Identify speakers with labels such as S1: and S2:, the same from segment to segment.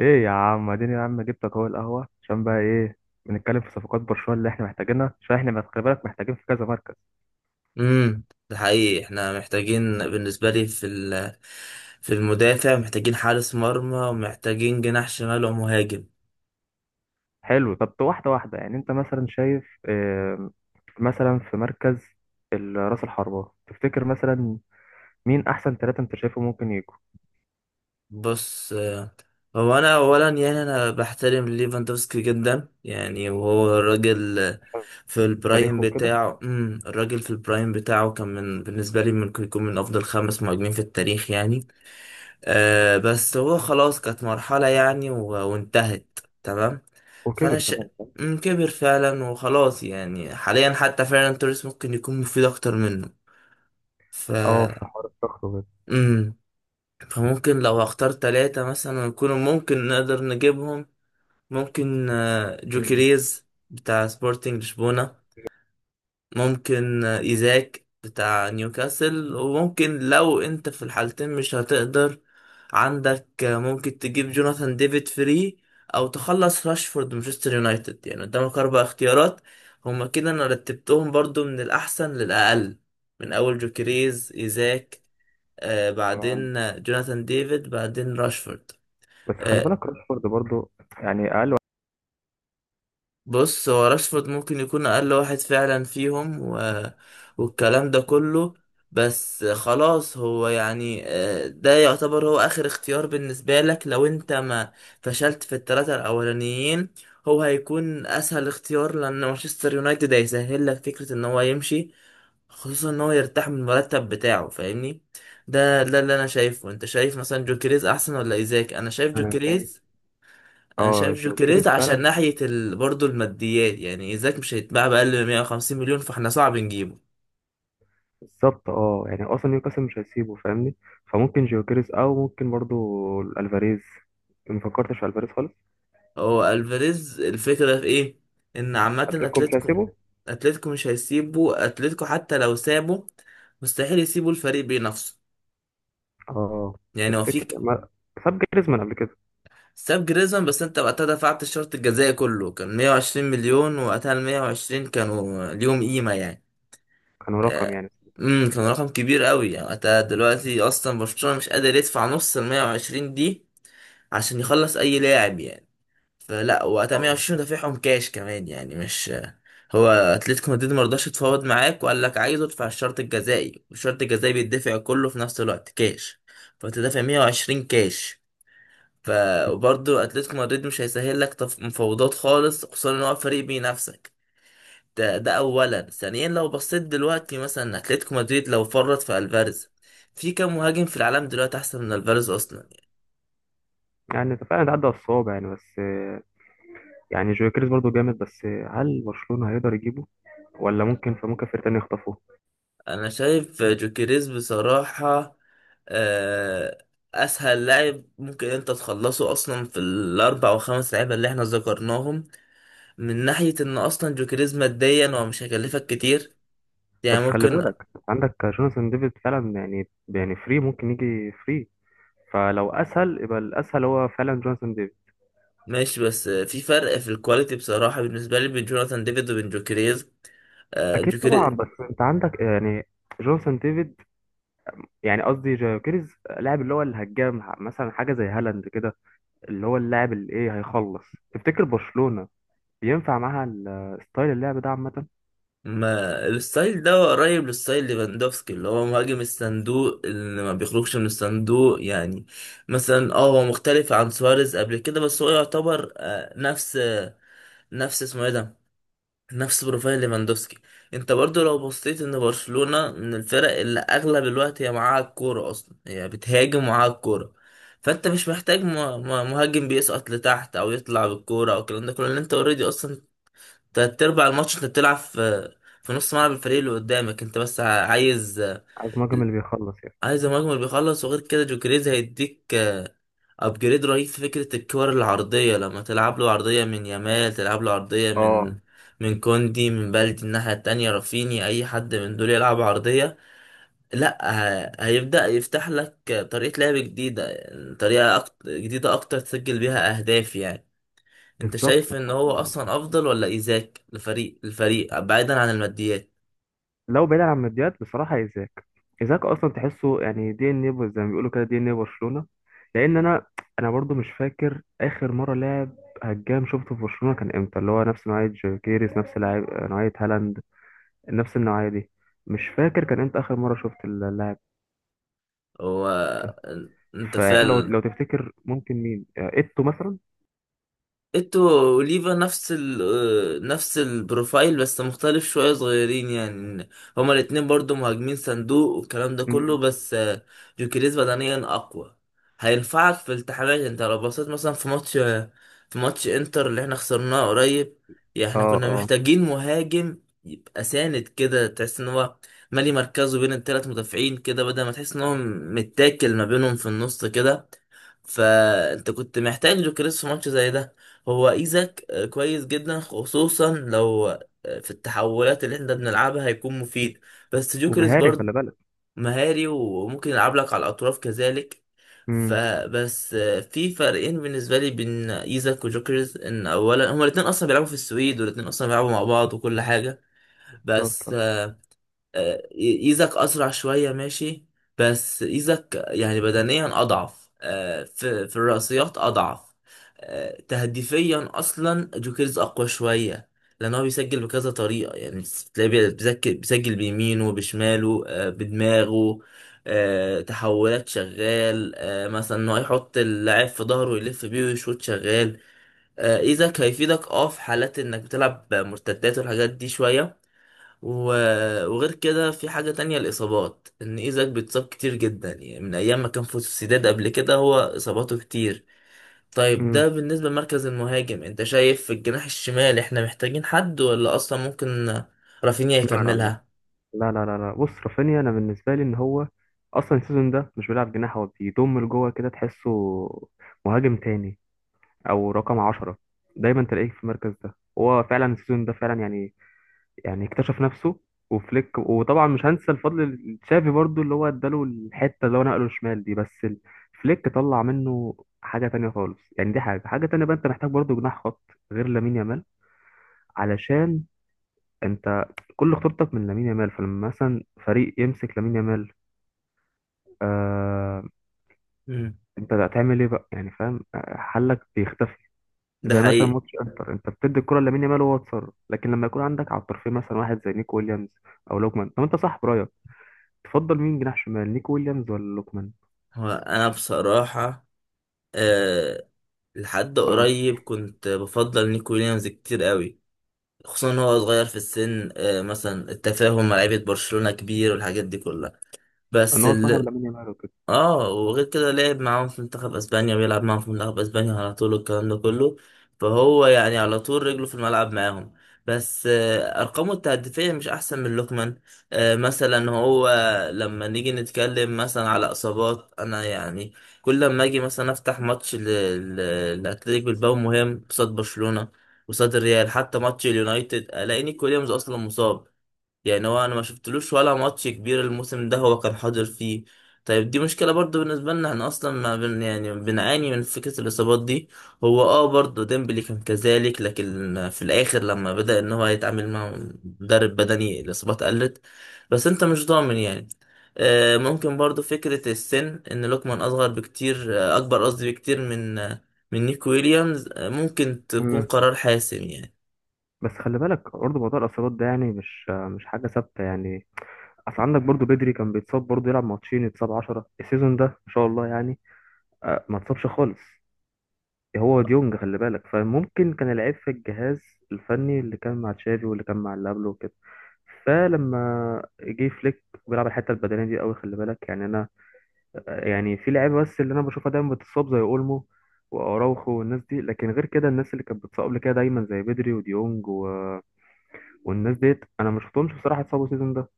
S1: ايه يا عم اديني يا عم، جبتك اهو القهوه عشان بقى ايه. بنتكلم في صفقات برشلونه اللي احنا محتاجينها عشان احنا خلي بالك محتاجين في كذا مركز.
S2: امم ده حقيقي، احنا محتاجين بالنسبه لي في المدافع، محتاجين حارس مرمى ومحتاجين جناح شمال ومهاجم.
S1: حلو، طب واحده واحده. يعني انت مثلا شايف، مثلا في مركز راس الحربه، تفتكر مثلا مين احسن ثلاثه انت شايفه ممكن يجوا؟
S2: بص، هو انا اولا يعني انا بحترم ليفاندوفسكي جدا، يعني وهو الراجل،
S1: عشان
S2: في البرايم
S1: تاريخه وكده
S2: بتاعه. الراجل في البرايم بتاعه كان من بالنسبه لي ممكن يكون من افضل خمس مهاجمين في التاريخ يعني. آه بس هو خلاص كانت مرحله يعني، وانتهت تمام. فانا
S1: وكبر
S2: ش...
S1: كمان، فاهم؟
S2: كبر فعلا وخلاص، يعني حاليا حتى فعلا توريس ممكن يكون مفيد اكتر منه. ف
S1: اه في حوار الضغط وكده.
S2: مم. فممكن لو هختار ثلاثة مثلا يكونوا ممكن نقدر نجيبهم. ممكن
S1: مم.
S2: جوكيريز بتاع سبورتنج لشبونة. ممكن ايزاك بتاع نيوكاسل، وممكن لو انت في الحالتين مش هتقدر، عندك ممكن تجيب جوناثان ديفيد فري، او تخلص راشفورد مانشستر يونايتد، يعني قدامك اربع اختيارات. هما كده، انا رتبتهم برضو من الاحسن للاقل، من اول جوكريز، ايزاك، آه
S1: تمام.
S2: بعدين جوناثان ديفيد، بعدين راشفورد.
S1: بس خلي
S2: آه،
S1: بالك راشفورد برضو يعني اقل واحد.
S2: بص، هو راشفورد ممكن يكون اقل واحد فعلا فيهم والكلام ده كله، بس خلاص هو يعني، ده يعتبر هو اخر اختيار بالنسبة لك لو انت ما فشلت في الثلاثة الاولانيين. هو هيكون اسهل اختيار لان مانشستر يونايتد هيسهل لك فكرة ان هو يمشي، خصوصا ان هو يرتاح من المرتب بتاعه، فاهمني؟ ده اللي انا شايفه. انت شايف مثلا جوكريز احسن ولا ايزاك؟ انا شايف
S1: انا شايف
S2: جوكريز. انا
S1: اه
S2: شايف
S1: جيوكيريس
S2: جوكريز عشان
S1: فعلا
S2: ناحية برضه الماديات، يعني ايزاك مش هيتباع بأقل من 150 مليون، فاحنا صعب نجيبه.
S1: بالظبط. اه يعني اصلا نيوكاسل مش هيسيبه فاهمني، فممكن جيوكيريز او ممكن برضو الفاريز. ما فكرتش في الفاريز خالص.
S2: هو الفاريز، الفكرة في ايه؟ ان عامة
S1: اتلتيكو مش
S2: اتلتيكو
S1: هيسيبه.
S2: اتلتيكو مش هيسيبه. اتلتيكو حتى لو سابه مستحيل يسيبوا الفريق بنفسه،
S1: اه
S2: يعني هو
S1: تفتكر
S2: فيك.
S1: ما ساب جريزمان قبل كده؟
S2: ساب جريزمان بس انت وقتها دفعت الشرط الجزائي كله، كان 120 مليون، وقتها ال 120 كانوا ليهم قيمة يعني.
S1: كانوا رقم
S2: آه،
S1: يعني.
S2: كان رقم كبير قوي يعني وقتها. دلوقتي اصلا برشلونة مش قادر يدفع نص ال 120 دي عشان يخلص اي لاعب يعني. فلا وقتها
S1: اه
S2: 120 دافعهم كاش كمان يعني، مش. هو اتلتيكو مدريد مرضاش يتفاوض معاك، وقال لك عايزه ادفع الشرط الجزائي، والشرط الجزائي بيدفع كله في نفس الوقت كاش، فتدفع 120 كاش. ف وبرضه اتلتيكو مدريد مش هيسهل لك مفاوضات خالص، خصوصا ان هو فريق بينافسك. ده اولا. ثانيا، لو بصيت دلوقتي مثلا اتلتيكو مدريد لو فرط في الفاريز، في كام مهاجم في العالم دلوقتي احسن من الفاريز اصلا؟
S1: يعني ده فعلا عدى على الصوابع يعني، بس يعني جيوكيريز برضو جامد، بس هل برشلونة هيقدر يجيبه ولا ممكن فممكن فريق تاني يخطفوه؟
S2: انا شايف جوكيريز بصراحة. آه، اسهل لاعب ممكن انت تخلصه اصلا في الاربع وخمس لعيبة اللي احنا ذكرناهم، من ناحية ان اصلا جوكيريز ماديا هو مش هيكلفك كتير.
S1: بس
S2: يعني
S1: خلي
S2: ممكن.
S1: بالك عندك جوناثان ديفيد فعلا، يعني فري، ممكن يجي فري. فلو اسهل يبقى الاسهل هو فعلا جوناثان ديفيد.
S2: ماشي، بس في فرق في الكواليتي بصراحة بالنسبة لي بين جوناثان ديفيد وبين
S1: اكيد طبعا،
S2: جوكيريز.
S1: بس انت عندك يعني جونسون ديفيد، يعني قصدي جاكيرز، لاعب اللي هو الهجام مثلا حاجه زي هالاند كده، اللي هو اللاعب اللي ايه هيخلص. تفتكر برشلونه ينفع معاها ستايل اللعب ده عامه؟
S2: ما الستايل ده قريب للستايل ليفاندوفسكي، اللي هو مهاجم الصندوق، اللي ما بيخرجش من الصندوق يعني. مثلا اه هو مختلف عن سواريز قبل كده، بس هو يعتبر نفس اسمه ايه ده، نفس بروفايل ليفاندوفسكي. انت برضو لو بصيت، ان برشلونة من الفرق اللي اغلب الوقت هي معاها الكورة، اصلا هي بتهاجم معاها الكورة. فانت مش محتاج مهاجم بيسقط لتحت او يطلع بالكورة او الكلام ده كله، لان انت اوريدي اصلا تلات أرباع الماتش أنت بتلعب في نص ملعب الفريق اللي قدامك، أنت بس عايز،
S1: عايز مهاجم اللي بيخلص يعني.
S2: عايز المهاجم اللي بيخلص. وغير كده جوكريز هيديك أبجريد رهيب في فكرة الكور العرضية، لما تلعب له عرضية من يامال، تلعب له عرضية من
S1: اه
S2: من كوندي، من بلدي الناحية التانية، رافيني، أي حد من دول يلعب عرضية، لأ، هيبدأ يفتح لك طريقة لعب جديدة، طريقة أكتر جديدة أكتر تسجل بيها أهداف يعني. انت
S1: بالظبط
S2: شايف ان
S1: بصراحه.
S2: هو اصلا افضل ولا ايزاك لفريق الفريق بعيدا عن الماديات؟
S1: لو بعيد عن مديات، بصراحة إيزاك. إيزاك أصلا تحسه يعني دي إن إيه، زي ما بيقولوا كده، دي إن إيه برشلونة. لأن أنا، أنا برضو مش فاكر آخر مرة لاعب هجام شفته في برشلونة كان إمتى، اللي هو نفس نوعية جوكيريس، نفس لاعب نوعية هالاند، نفس النوعية دي. مش فاكر كان إمتى آخر مرة شفت اللاعب
S2: هو
S1: ده.
S2: انت
S1: فلو
S2: فعلا.
S1: لو تفتكر ممكن مين، إيتو مثلا.
S2: ايتو واوليفا نفس ال آه، نفس البروفايل، بس مختلف شوية، صغيرين يعني. هما الاتنين برضو مهاجمين صندوق والكلام ده كله،
S1: مم.
S2: بس جوكيريز بدنيا أقوى، هينفعك في التحامات. انت لو بصيت مثلا في ماتش، في ماتش انتر اللي احنا خسرناه قريب، يعني احنا
S1: آه
S2: كنا
S1: آه.
S2: محتاجين مهاجم يبقى ساند كده، تحس ان هو مالي مركزه بين التلات مدافعين كده، بدل ما تحس ان هو متاكل ما بينهم في النص كده. فانت كنت محتاج جوكريس في ماتش زي ده. هو ايزاك كويس جدا، خصوصا لو، في التحولات اللي احنا بنلعبها هيكون مفيد. بس جوكريس
S1: ومهاري
S2: برضه
S1: خلي بالك.
S2: مهاري، وممكن يلعب لك على الاطراف كذلك.
S1: مم.
S2: فبس في فرقين بالنسبه لي بين ايزاك وجوكريس، ان اولا هما الاثنين اصلا بيلعبوا في السويد، والاثنين اصلا بيلعبوا مع بعض وكل حاجه. بس
S1: بالظبط.
S2: آه، ايزك اسرع شويه، ماشي، بس ايزك يعني بدنيا اضعف، في الرأسيات اضعف. تهديفيا اصلا جوكيرز اقوى شويه، لان هو بيسجل بكذا طريقه يعني. تلاقيه بيسجل بيمينه، بشماله، بدماغه. تحولات شغال، مثلا انه يحط اللاعب في ظهره يلف بيه ويشوط شغال. ايزك هيفيدك اه في حالات انك بتلعب مرتدات والحاجات دي شويه. وغير كده في حاجة تانية، الإصابات، إن إيزاك بيتصاب كتير جدا يعني، من أيام ما كان في السداد قبل كده هو إصاباته كتير. طيب
S1: مم.
S2: ده بالنسبة لمركز المهاجم. أنت شايف في الجناح الشمال إحنا محتاجين حد، ولا أصلا ممكن رافينيا
S1: لا لا،
S2: يكملها؟
S1: لا لا بص، رافينيا انا بالنسبه لي ان هو اصلا السيزون ده مش بيلعب جناح، هو بيضم لجوه كده، تحسه مهاجم تاني او رقم عشرة. دايما تلاقيه في المركز ده. هو فعلا السيزون ده فعلا يعني يعني اكتشف نفسه، وفليك. وطبعا مش هنسى الفضل لتشافي برضو اللي هو اداله الحته اللي هو نقله شمال دي، بس فليك طلع منه حاجه تانية خالص يعني. دي حاجه تانية بقى. انت محتاج برضو جناح خط غير لامين يامال، علشان انت كل خطورتك من لامين يامال. فلما مثلا فريق يمسك لامين يامال، آه،
S2: مم.
S1: انت هتعمل ايه بقى يعني فاهم؟ حلك بيختفي.
S2: ده
S1: زي مثلا
S2: حقيقي.
S1: ماتش انتر، انت بتدي الكرة لامين يامال وهو اتصرف. لكن لما يكون عندك على الطرفين مثلا واحد زي نيكو ويليامز او لوكمان. طب انت صاحب رايك، تفضل مين جناح شمال، نيكو ويليامز ولا لوكمان؟
S2: هو أنا بصراحة، أه، لحد
S1: اه
S2: قريب كنت بفضل نيكو ويليامز كتير قوي، خصوصا إن هو صغير في السن، أه مثلا التفاهم مع لعيبة برشلونة كبير والحاجات دي كلها.
S1: ان
S2: بس
S1: هو صاحب لامين يامال وكده.
S2: اه، وغير كده لعب معاهم في منتخب اسبانيا ويلعب معاهم في منتخب اسبانيا على طول والكلام ده كله، فهو يعني على طول رجله في الملعب معاهم. بس ارقامه التهديفيه مش احسن من لوكمان. مثلا هو لما نيجي نتكلم مثلا على اصابات، انا يعني كل لما اجي مثلا افتح ماتش لاتلتيك بالباو مهم قصاد برشلونه، قصاد الريال، حتى ماتش اليونايتد، الاقيني كل يوم اصلا مصاب. يعني هو، انا ما شفتلوش ولا ماتش كبير الموسم ده هو كان حاضر فيه. طيب دي مشكلة برضو بالنسبة لنا، احنا اصلا ما بن يعني بنعاني من فكرة الاصابات دي. هو اه برضو ديمبلي كان كذلك، لكن في الاخر لما بدأ ان هو يتعامل مع مدرب بدني الاصابات قلت، بس انت مش ضامن يعني. ممكن برضو فكرة السن، ان لوكمان اصغر بكتير، اكبر قصدي بكتير من من نيك ويليامز، ممكن تكون
S1: مم.
S2: قرار حاسم يعني.
S1: بس خلي بالك برضه موضوع الاصابات ده يعني مش حاجه ثابته يعني. اصل عندك برضه بدري، كان بيتصاب برضه، يلعب ماتشين يتصاب، 10 السيزون ده ما شاء الله يعني ما اتصابش خالص. هو ديونج خلي بالك. فممكن كان العيب في الجهاز الفني اللي كان مع تشافي واللي كان مع اللي قبله وكده. فلما جه فليك، بيلعب الحته البدنيه دي قوي خلي بالك. يعني انا يعني في لعيبه بس اللي انا بشوفها دايما بتتصاب زي اولمو واراوخو والناس دي، لكن غير كده الناس اللي كانت بتتصاب قبل كده دايما زي بدري وديونج والناس ديت، انا ما شفتهمش بصراحه اتصابوا السيزون ده.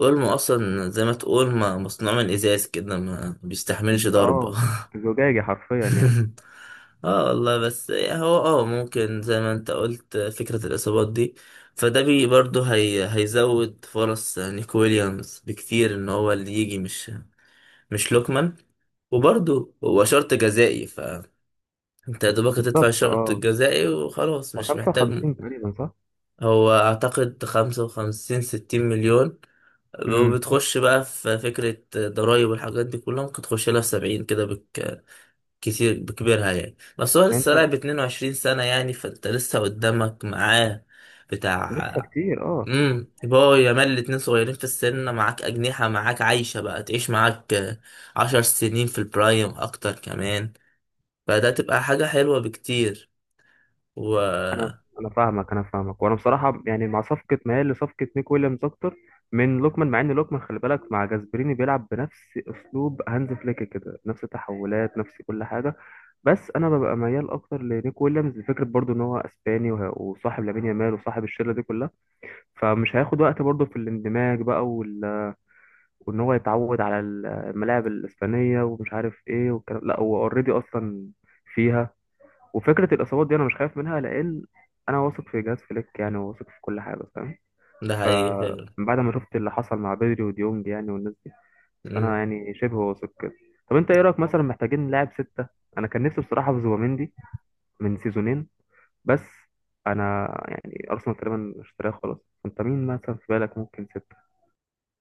S2: اولمو اصلا زي ما تقول ما مصنوع من ازاز كده، ما بيستحملش ضربة.
S1: اه زجاجي حرفيا يعني.
S2: اه والله، بس هو اه ممكن زي ما انت قلت فكرة الاصابات دي، فده برضه هيزود فرص نيكو ويليامز بكتير، ان هو اللي يجي، مش لوكمان. وبرضه هو شرط جزائي، فانت يا دوبك هتدفع
S1: بالظبط
S2: الشرط
S1: اه.
S2: الجزائي وخلاص،
S1: هو
S2: مش محتاج.
S1: 55 تقريبا، صح؟
S2: هو اعتقد 55، 60 مليون،
S1: امم.
S2: وبتخش بقى في فكرة ضرايب والحاجات دي كلها، ممكن تخش لها في 70 كده كتير بكبرها يعني. بس هو
S1: يعني
S2: لسه
S1: انت
S2: لاعب 22 سنة يعني، فانت لسه قدامك معاه
S1: لسه
S2: بتاع.
S1: كتير اه.
S2: يبقى يامال الاتنين صغيرين في السن معاك، أجنحة معاك عايشة بقى تعيش معاك، 10 سنين في البرايم أكتر كمان، فده تبقى حاجة حلوة بكتير. و
S1: انا انا فاهمك، انا فاهمك. وانا بصراحه يعني مع صفقه ميال لصفقه نيك ويليامز اكتر من لوكمان، مع ان لوكمان خلي بالك مع جاسبريني بيلعب بنفس اسلوب هانز فليك كده، نفس التحولات نفس كل حاجه. بس انا ببقى ميال اكتر لنيك ويليامز، لفكره برضو ان هو اسباني وصاحب لامين يامال وصاحب الشله دي كلها، فمش هياخد وقت برضو في الاندماج بقى وان هو يتعود على الملاعب الاسبانيه ومش عارف ايه والكلام، لا هو اوريدي اصلا فيها. وفكرة الإصابات دي أنا مش خايف منها، لأن أنا واثق في جهاز فليك يعني، وواثق في كل حاجة فاهم.
S2: ده حقيقي فعلا.
S1: فبعد ما شفت اللي حصل مع بدري وديونج يعني والناس دي، فأنا يعني شبه واثق كده. طب أنت إيه رأيك مثلا، محتاجين لاعب ستة؟ أنا كان نفسي بصراحة في زوبيمندي من سيزونين، بس أنا يعني أرسنال تقريبا اشتراه خلاص. أنت مين مثلا في بالك ممكن ستة؟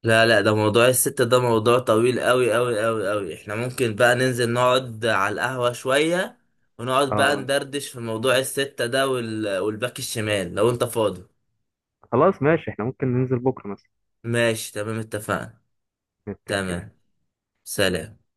S2: لا لا، ده موضوع الست، ده موضوع طويل قوي قوي قوي قوي، احنا ممكن بقى ننزل نقعد على القهوة شوية ونقعد بقى
S1: آه
S2: ندردش في موضوع الستة ده، والباك الشمال لو انت فاضي.
S1: خلاص ماشي، إحنا ممكن ننزل بكرة مثلا
S2: ماشي تمام، اتفقنا.
S1: نتفق.
S2: تمام. سلام.